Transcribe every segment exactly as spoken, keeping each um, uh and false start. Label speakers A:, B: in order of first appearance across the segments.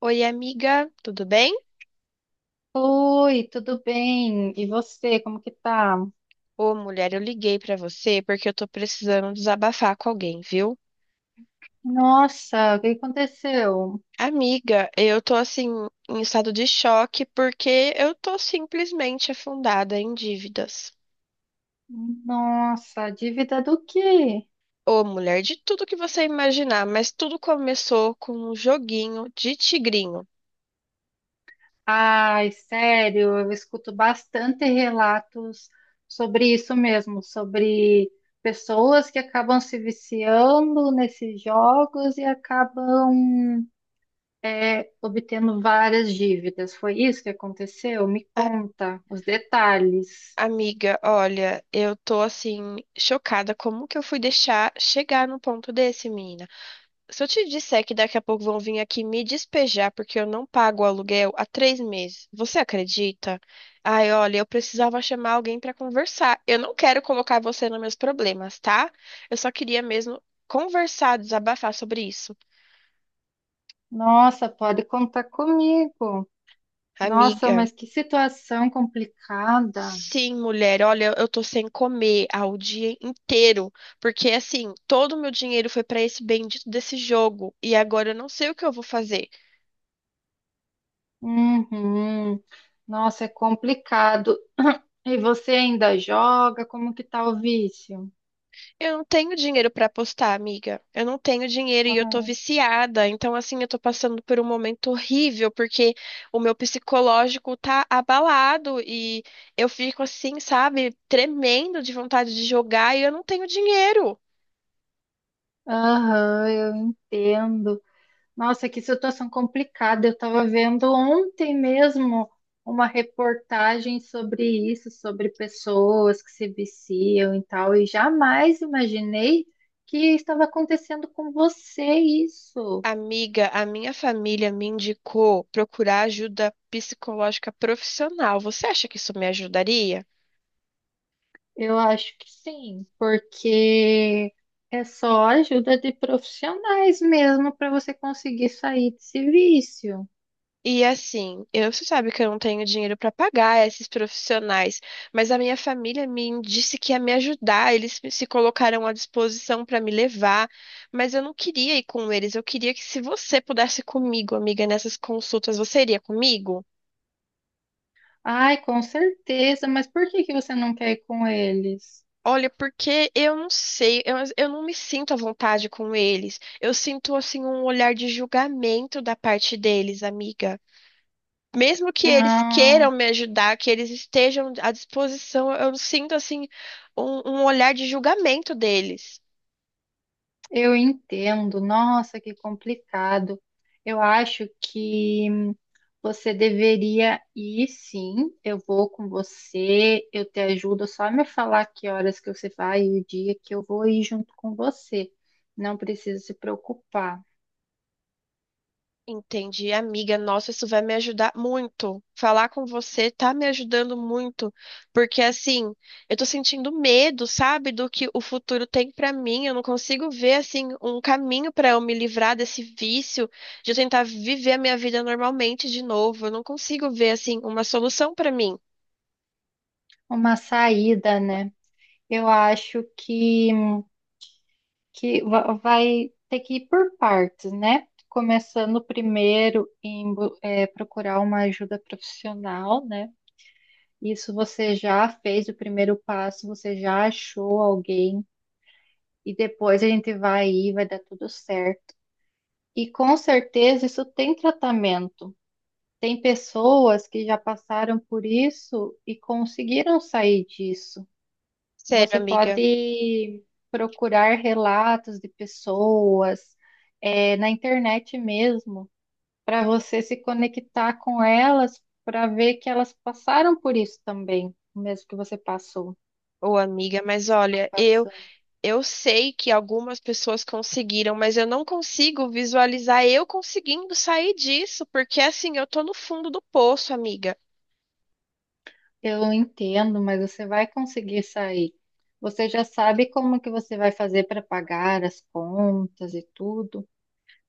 A: Oi, amiga, tudo bem?
B: Oi, tudo bem? E você, como que tá?
A: Ô, mulher, eu liguei pra você porque eu tô precisando desabafar com alguém, viu?
B: Nossa, o que aconteceu?
A: Amiga, eu tô assim em estado de choque porque eu tô simplesmente afundada em dívidas.
B: Nossa, dívida do quê?
A: Ô, mulher, de tudo que você imaginar, mas tudo começou com um joguinho de tigrinho.
B: Ai, sério, eu escuto bastante relatos sobre isso mesmo, sobre pessoas que acabam se viciando nesses jogos e acabam é, obtendo várias dívidas. Foi isso que aconteceu? Me
A: A-
B: conta os detalhes.
A: Amiga, olha, eu tô assim chocada como que eu fui deixar chegar no ponto desse, menina? Se eu te disser que daqui a pouco vão vir aqui me despejar porque eu não pago o aluguel há três meses, você acredita? Ai, olha, eu precisava chamar alguém para conversar. Eu não quero colocar você nos meus problemas, tá? Eu só queria mesmo conversar, desabafar sobre isso.
B: Nossa, pode contar comigo. Nossa,
A: Amiga,
B: mas que situação complicada.
A: sim, mulher, olha, eu tô sem comer há o dia inteiro, porque assim, todo o meu dinheiro foi para esse bendito desse jogo e agora eu não sei o que eu vou fazer.
B: Uhum. Nossa, é complicado. E você ainda joga? Como que tá o vício?
A: Eu não tenho dinheiro pra apostar, amiga. Eu não tenho dinheiro e eu tô viciada. Então, assim, eu tô passando por um momento horrível porque o meu psicológico tá abalado e eu fico assim, sabe, tremendo de vontade de jogar e eu não tenho dinheiro.
B: Aham, eu entendo. Nossa, que situação complicada. Eu estava vendo ontem mesmo uma reportagem sobre isso, sobre pessoas que se viciam e tal, e jamais imaginei que estava acontecendo com você isso.
A: Amiga, a minha família me indicou procurar ajuda psicológica profissional. Você acha que isso me ajudaria?
B: Eu acho que sim, porque é só ajuda de profissionais mesmo para você conseguir sair desse vício.
A: E assim, eu, você sabe que eu não tenho dinheiro para pagar esses profissionais, mas a minha família me disse que ia me ajudar, eles se colocaram à disposição para me levar, mas eu não queria ir com eles, eu queria que se você pudesse ir comigo, amiga, nessas consultas, você iria comigo?
B: Ai, com certeza, mas por que que você não quer ir com eles?
A: Olha, porque eu não sei, eu, eu não me sinto à vontade com eles. Eu sinto assim um olhar de julgamento da parte deles, amiga. Mesmo que eles
B: Ah,
A: queiram me ajudar, que eles estejam à disposição, eu sinto assim um, um olhar de julgamento deles.
B: eu entendo. Nossa, que complicado. Eu acho que você deveria ir, sim. Eu vou com você, eu te ajudo. Só me falar que horas que você vai e o dia que eu vou ir junto com você. Não precisa se preocupar.
A: Entendi, amiga. Nossa, isso vai me ajudar muito. Falar com você tá me ajudando muito, porque assim, eu tô sentindo medo, sabe, do que o futuro tem pra mim. Eu não consigo ver assim um caminho pra eu me livrar desse vício de eu tentar viver a minha vida normalmente de novo. Eu não consigo ver assim uma solução pra mim.
B: Uma saída, né? Eu acho que, que va- vai ter que ir por partes, né? Começando primeiro em bu- eh, procurar uma ajuda profissional, né? Isso, você já fez o primeiro passo, você já achou alguém, e depois a gente vai aí, vai dar tudo certo. E com certeza isso tem tratamento. Tem pessoas que já passaram por isso e conseguiram sair disso.
A: Sério,
B: Você
A: amiga.
B: pode procurar relatos de pessoas, eh, na internet mesmo, para você se conectar com elas, para ver que elas passaram por isso também, o mesmo que você passou,
A: Ô, amiga, mas
B: está
A: olha, eu
B: passando.
A: eu sei que algumas pessoas conseguiram, mas eu não consigo visualizar eu conseguindo sair disso, porque assim, eu tô no fundo do poço, amiga.
B: Eu entendo, mas você vai conseguir sair. Você já sabe como que você vai fazer para pagar as contas e tudo?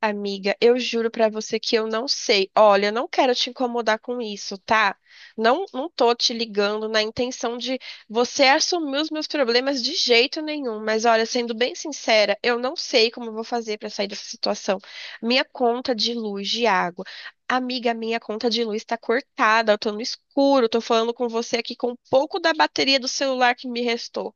A: Amiga, eu juro pra você que eu não sei. Olha, eu não quero te incomodar com isso, tá? Não, não tô te ligando na intenção de você assumir os meus problemas de jeito nenhum, mas olha, sendo bem sincera, eu não sei como eu vou fazer pra sair dessa situação. Minha conta de luz, de água. Amiga, minha conta de luz tá cortada, eu tô no escuro, tô falando com você aqui com um pouco da bateria do celular que me restou.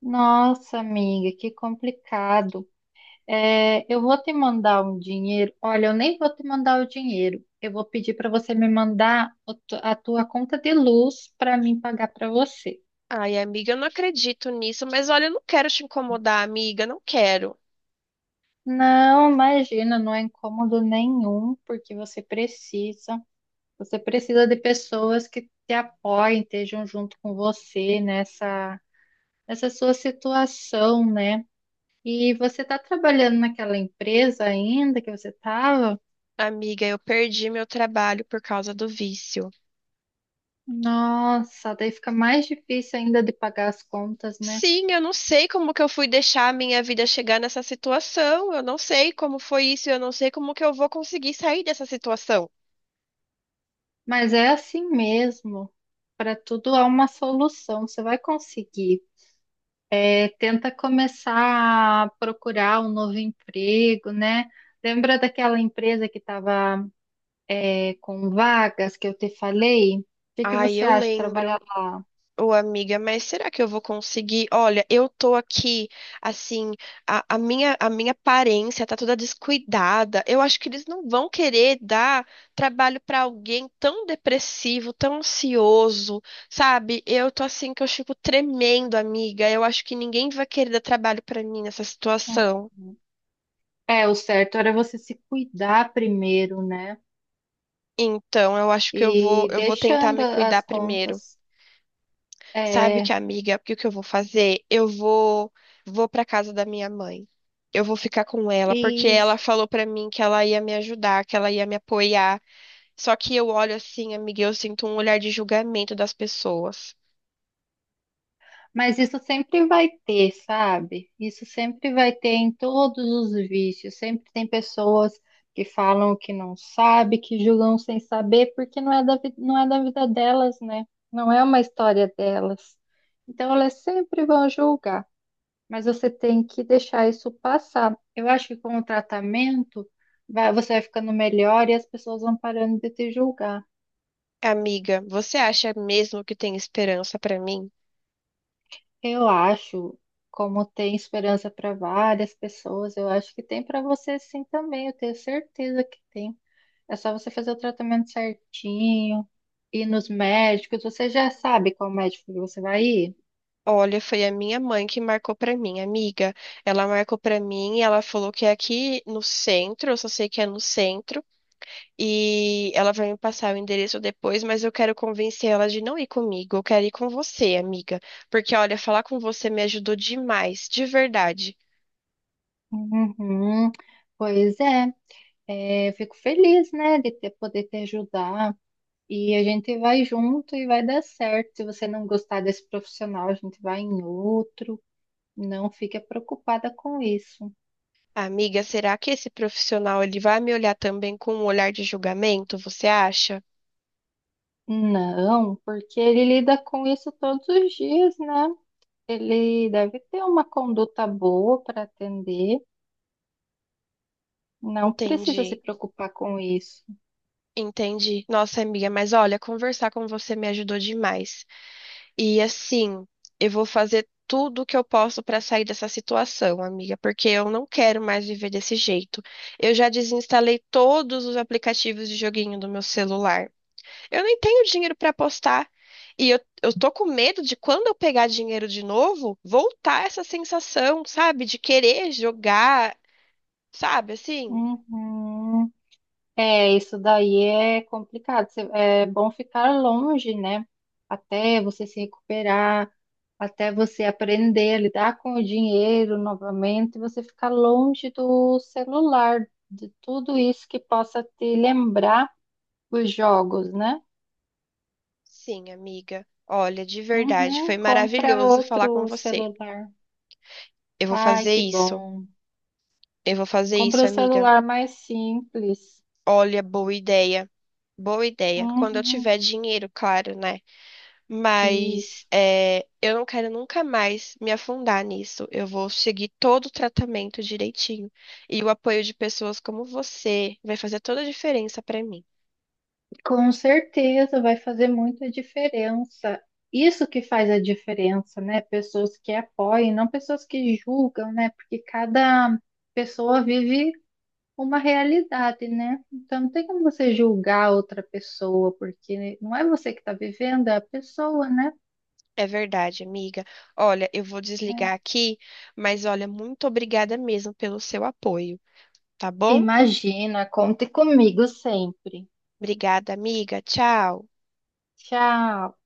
B: Nossa, amiga, que complicado. É, eu vou te mandar um dinheiro. Olha, eu nem vou te mandar o dinheiro. Eu vou pedir para você me mandar o tu- a tua conta de luz para mim pagar para você.
A: Ai, amiga, eu não acredito nisso, mas olha, eu não quero te incomodar, amiga, não quero.
B: Não, imagina, não é incômodo nenhum, porque você precisa. Você precisa de pessoas que te apoiem, estejam junto com você nessa, nessa sua situação, né? E você está trabalhando naquela empresa ainda que você estava?
A: Amiga, eu perdi meu trabalho por causa do vício.
B: Nossa, daí fica mais difícil ainda de pagar as contas, né?
A: Sim, eu não sei como que eu fui deixar a minha vida chegar nessa situação. Eu não sei como foi isso, eu não sei como que eu vou conseguir sair dessa situação.
B: Mas é assim mesmo. Para tudo há uma solução, você vai conseguir. É, tenta começar a procurar um novo emprego, né? Lembra daquela empresa que estava é, com vagas que eu te falei. O que que
A: Ai,
B: você
A: eu
B: acha de
A: lembro.
B: trabalhar lá?
A: Ô, amiga, mas será que eu vou conseguir? Olha, eu tô aqui, assim, a, a minha, a minha aparência tá toda descuidada. Eu acho que eles não vão querer dar trabalho pra alguém tão depressivo, tão ansioso, sabe? Eu tô assim que eu fico tremendo, amiga. Eu acho que ninguém vai querer dar trabalho pra mim nessa situação.
B: Uhum. É, o certo era você se cuidar primeiro, né?
A: Então, eu acho que eu vou,
B: E
A: eu vou tentar
B: deixando
A: me
B: a- as
A: cuidar primeiro.
B: contas.
A: Sabe que
B: É,
A: amiga, porque o que eu vou fazer? Eu vou Vou para casa da minha mãe. Eu vou ficar com ela porque ela
B: isso.
A: falou pra mim que ela ia me ajudar, que ela ia me apoiar. Só que eu olho assim, amiga, e eu sinto um olhar de julgamento das pessoas.
B: Mas isso sempre vai ter, sabe? Isso sempre vai ter em todos os vícios. Sempre tem pessoas que falam que não sabe, que julgam sem saber, porque não é da, vi- não é da vida delas, né? Não é uma história delas. Então elas sempre vão julgar, mas você tem que deixar isso passar. Eu acho que com o tratamento vai- você vai ficando melhor e as pessoas vão parando de te julgar.
A: Amiga, você acha mesmo que tem esperança pra mim?
B: Eu acho, como tem esperança para várias pessoas, eu acho que tem para você sim também, eu tenho certeza que tem. É só você fazer o tratamento certinho, ir nos médicos. Você já sabe qual médico que você vai ir?
A: Olha, foi a minha mãe que marcou pra mim, amiga. Ela marcou pra mim e ela falou que é aqui no centro, eu só sei que é no centro. E ela vai me passar o endereço depois, mas eu quero convencer ela de não ir comigo. Eu quero ir com você, amiga. Porque, olha, falar com você me ajudou demais, de verdade.
B: Uhum. Pois é, é, eu fico feliz, né, de ter, poder te ajudar. E a gente vai junto e vai dar certo. Se você não gostar desse profissional, a gente vai em outro. Não fica preocupada com isso.
A: Amiga, será que esse profissional ele vai me olhar também com um olhar de julgamento, você acha?
B: Não, porque ele lida com isso todos os dias, né? Ele deve ter uma conduta boa para atender. Não precisa se
A: Entendi.
B: preocupar com isso.
A: Entendi. Nossa, amiga, mas olha, conversar com você me ajudou demais. E assim, eu vou fazer tudo o que eu posso para sair dessa situação, amiga, porque eu não quero mais viver desse jeito. Eu já desinstalei todos os aplicativos de joguinho do meu celular. Eu nem tenho dinheiro para apostar. E eu, eu tô com medo de quando eu pegar dinheiro de novo, voltar essa sensação, sabe? De querer jogar, sabe? Assim,
B: Uhum. É, isso daí é complicado. Cê- É bom ficar longe, né? Até você se recuperar, até você aprender a lidar com o dinheiro novamente, você ficar longe do celular, de tudo isso que possa te lembrar os jogos, né?
A: sim, amiga. Olha, de verdade, foi
B: Uhum, compra
A: maravilhoso falar com
B: outro
A: você.
B: celular.
A: Eu vou
B: Ai,
A: fazer
B: que
A: isso.
B: bom.
A: Eu vou fazer
B: Compra
A: isso,
B: um
A: amiga.
B: celular mais simples.
A: Olha, boa ideia. Boa ideia. Quando eu
B: Uhum,
A: tiver dinheiro, claro, né? Mas
B: isso.
A: é, eu não quero nunca mais me afundar nisso. Eu vou seguir todo o tratamento direitinho. E o apoio de pessoas como você vai fazer toda a diferença pra mim.
B: Com certeza vai fazer muita diferença. Isso que faz a diferença, né? Pessoas que apoiam, não pessoas que julgam, né? Porque cada pessoa vive uma realidade, né? Então não tem como você julgar outra pessoa, porque não é você que está vivendo, é a pessoa, né?
A: É verdade, amiga. Olha, eu vou desligar
B: É.
A: aqui, mas olha, muito obrigada mesmo pelo seu apoio, tá bom?
B: Imagina, conte comigo sempre.
A: Obrigada, amiga. Tchau.
B: Tchau.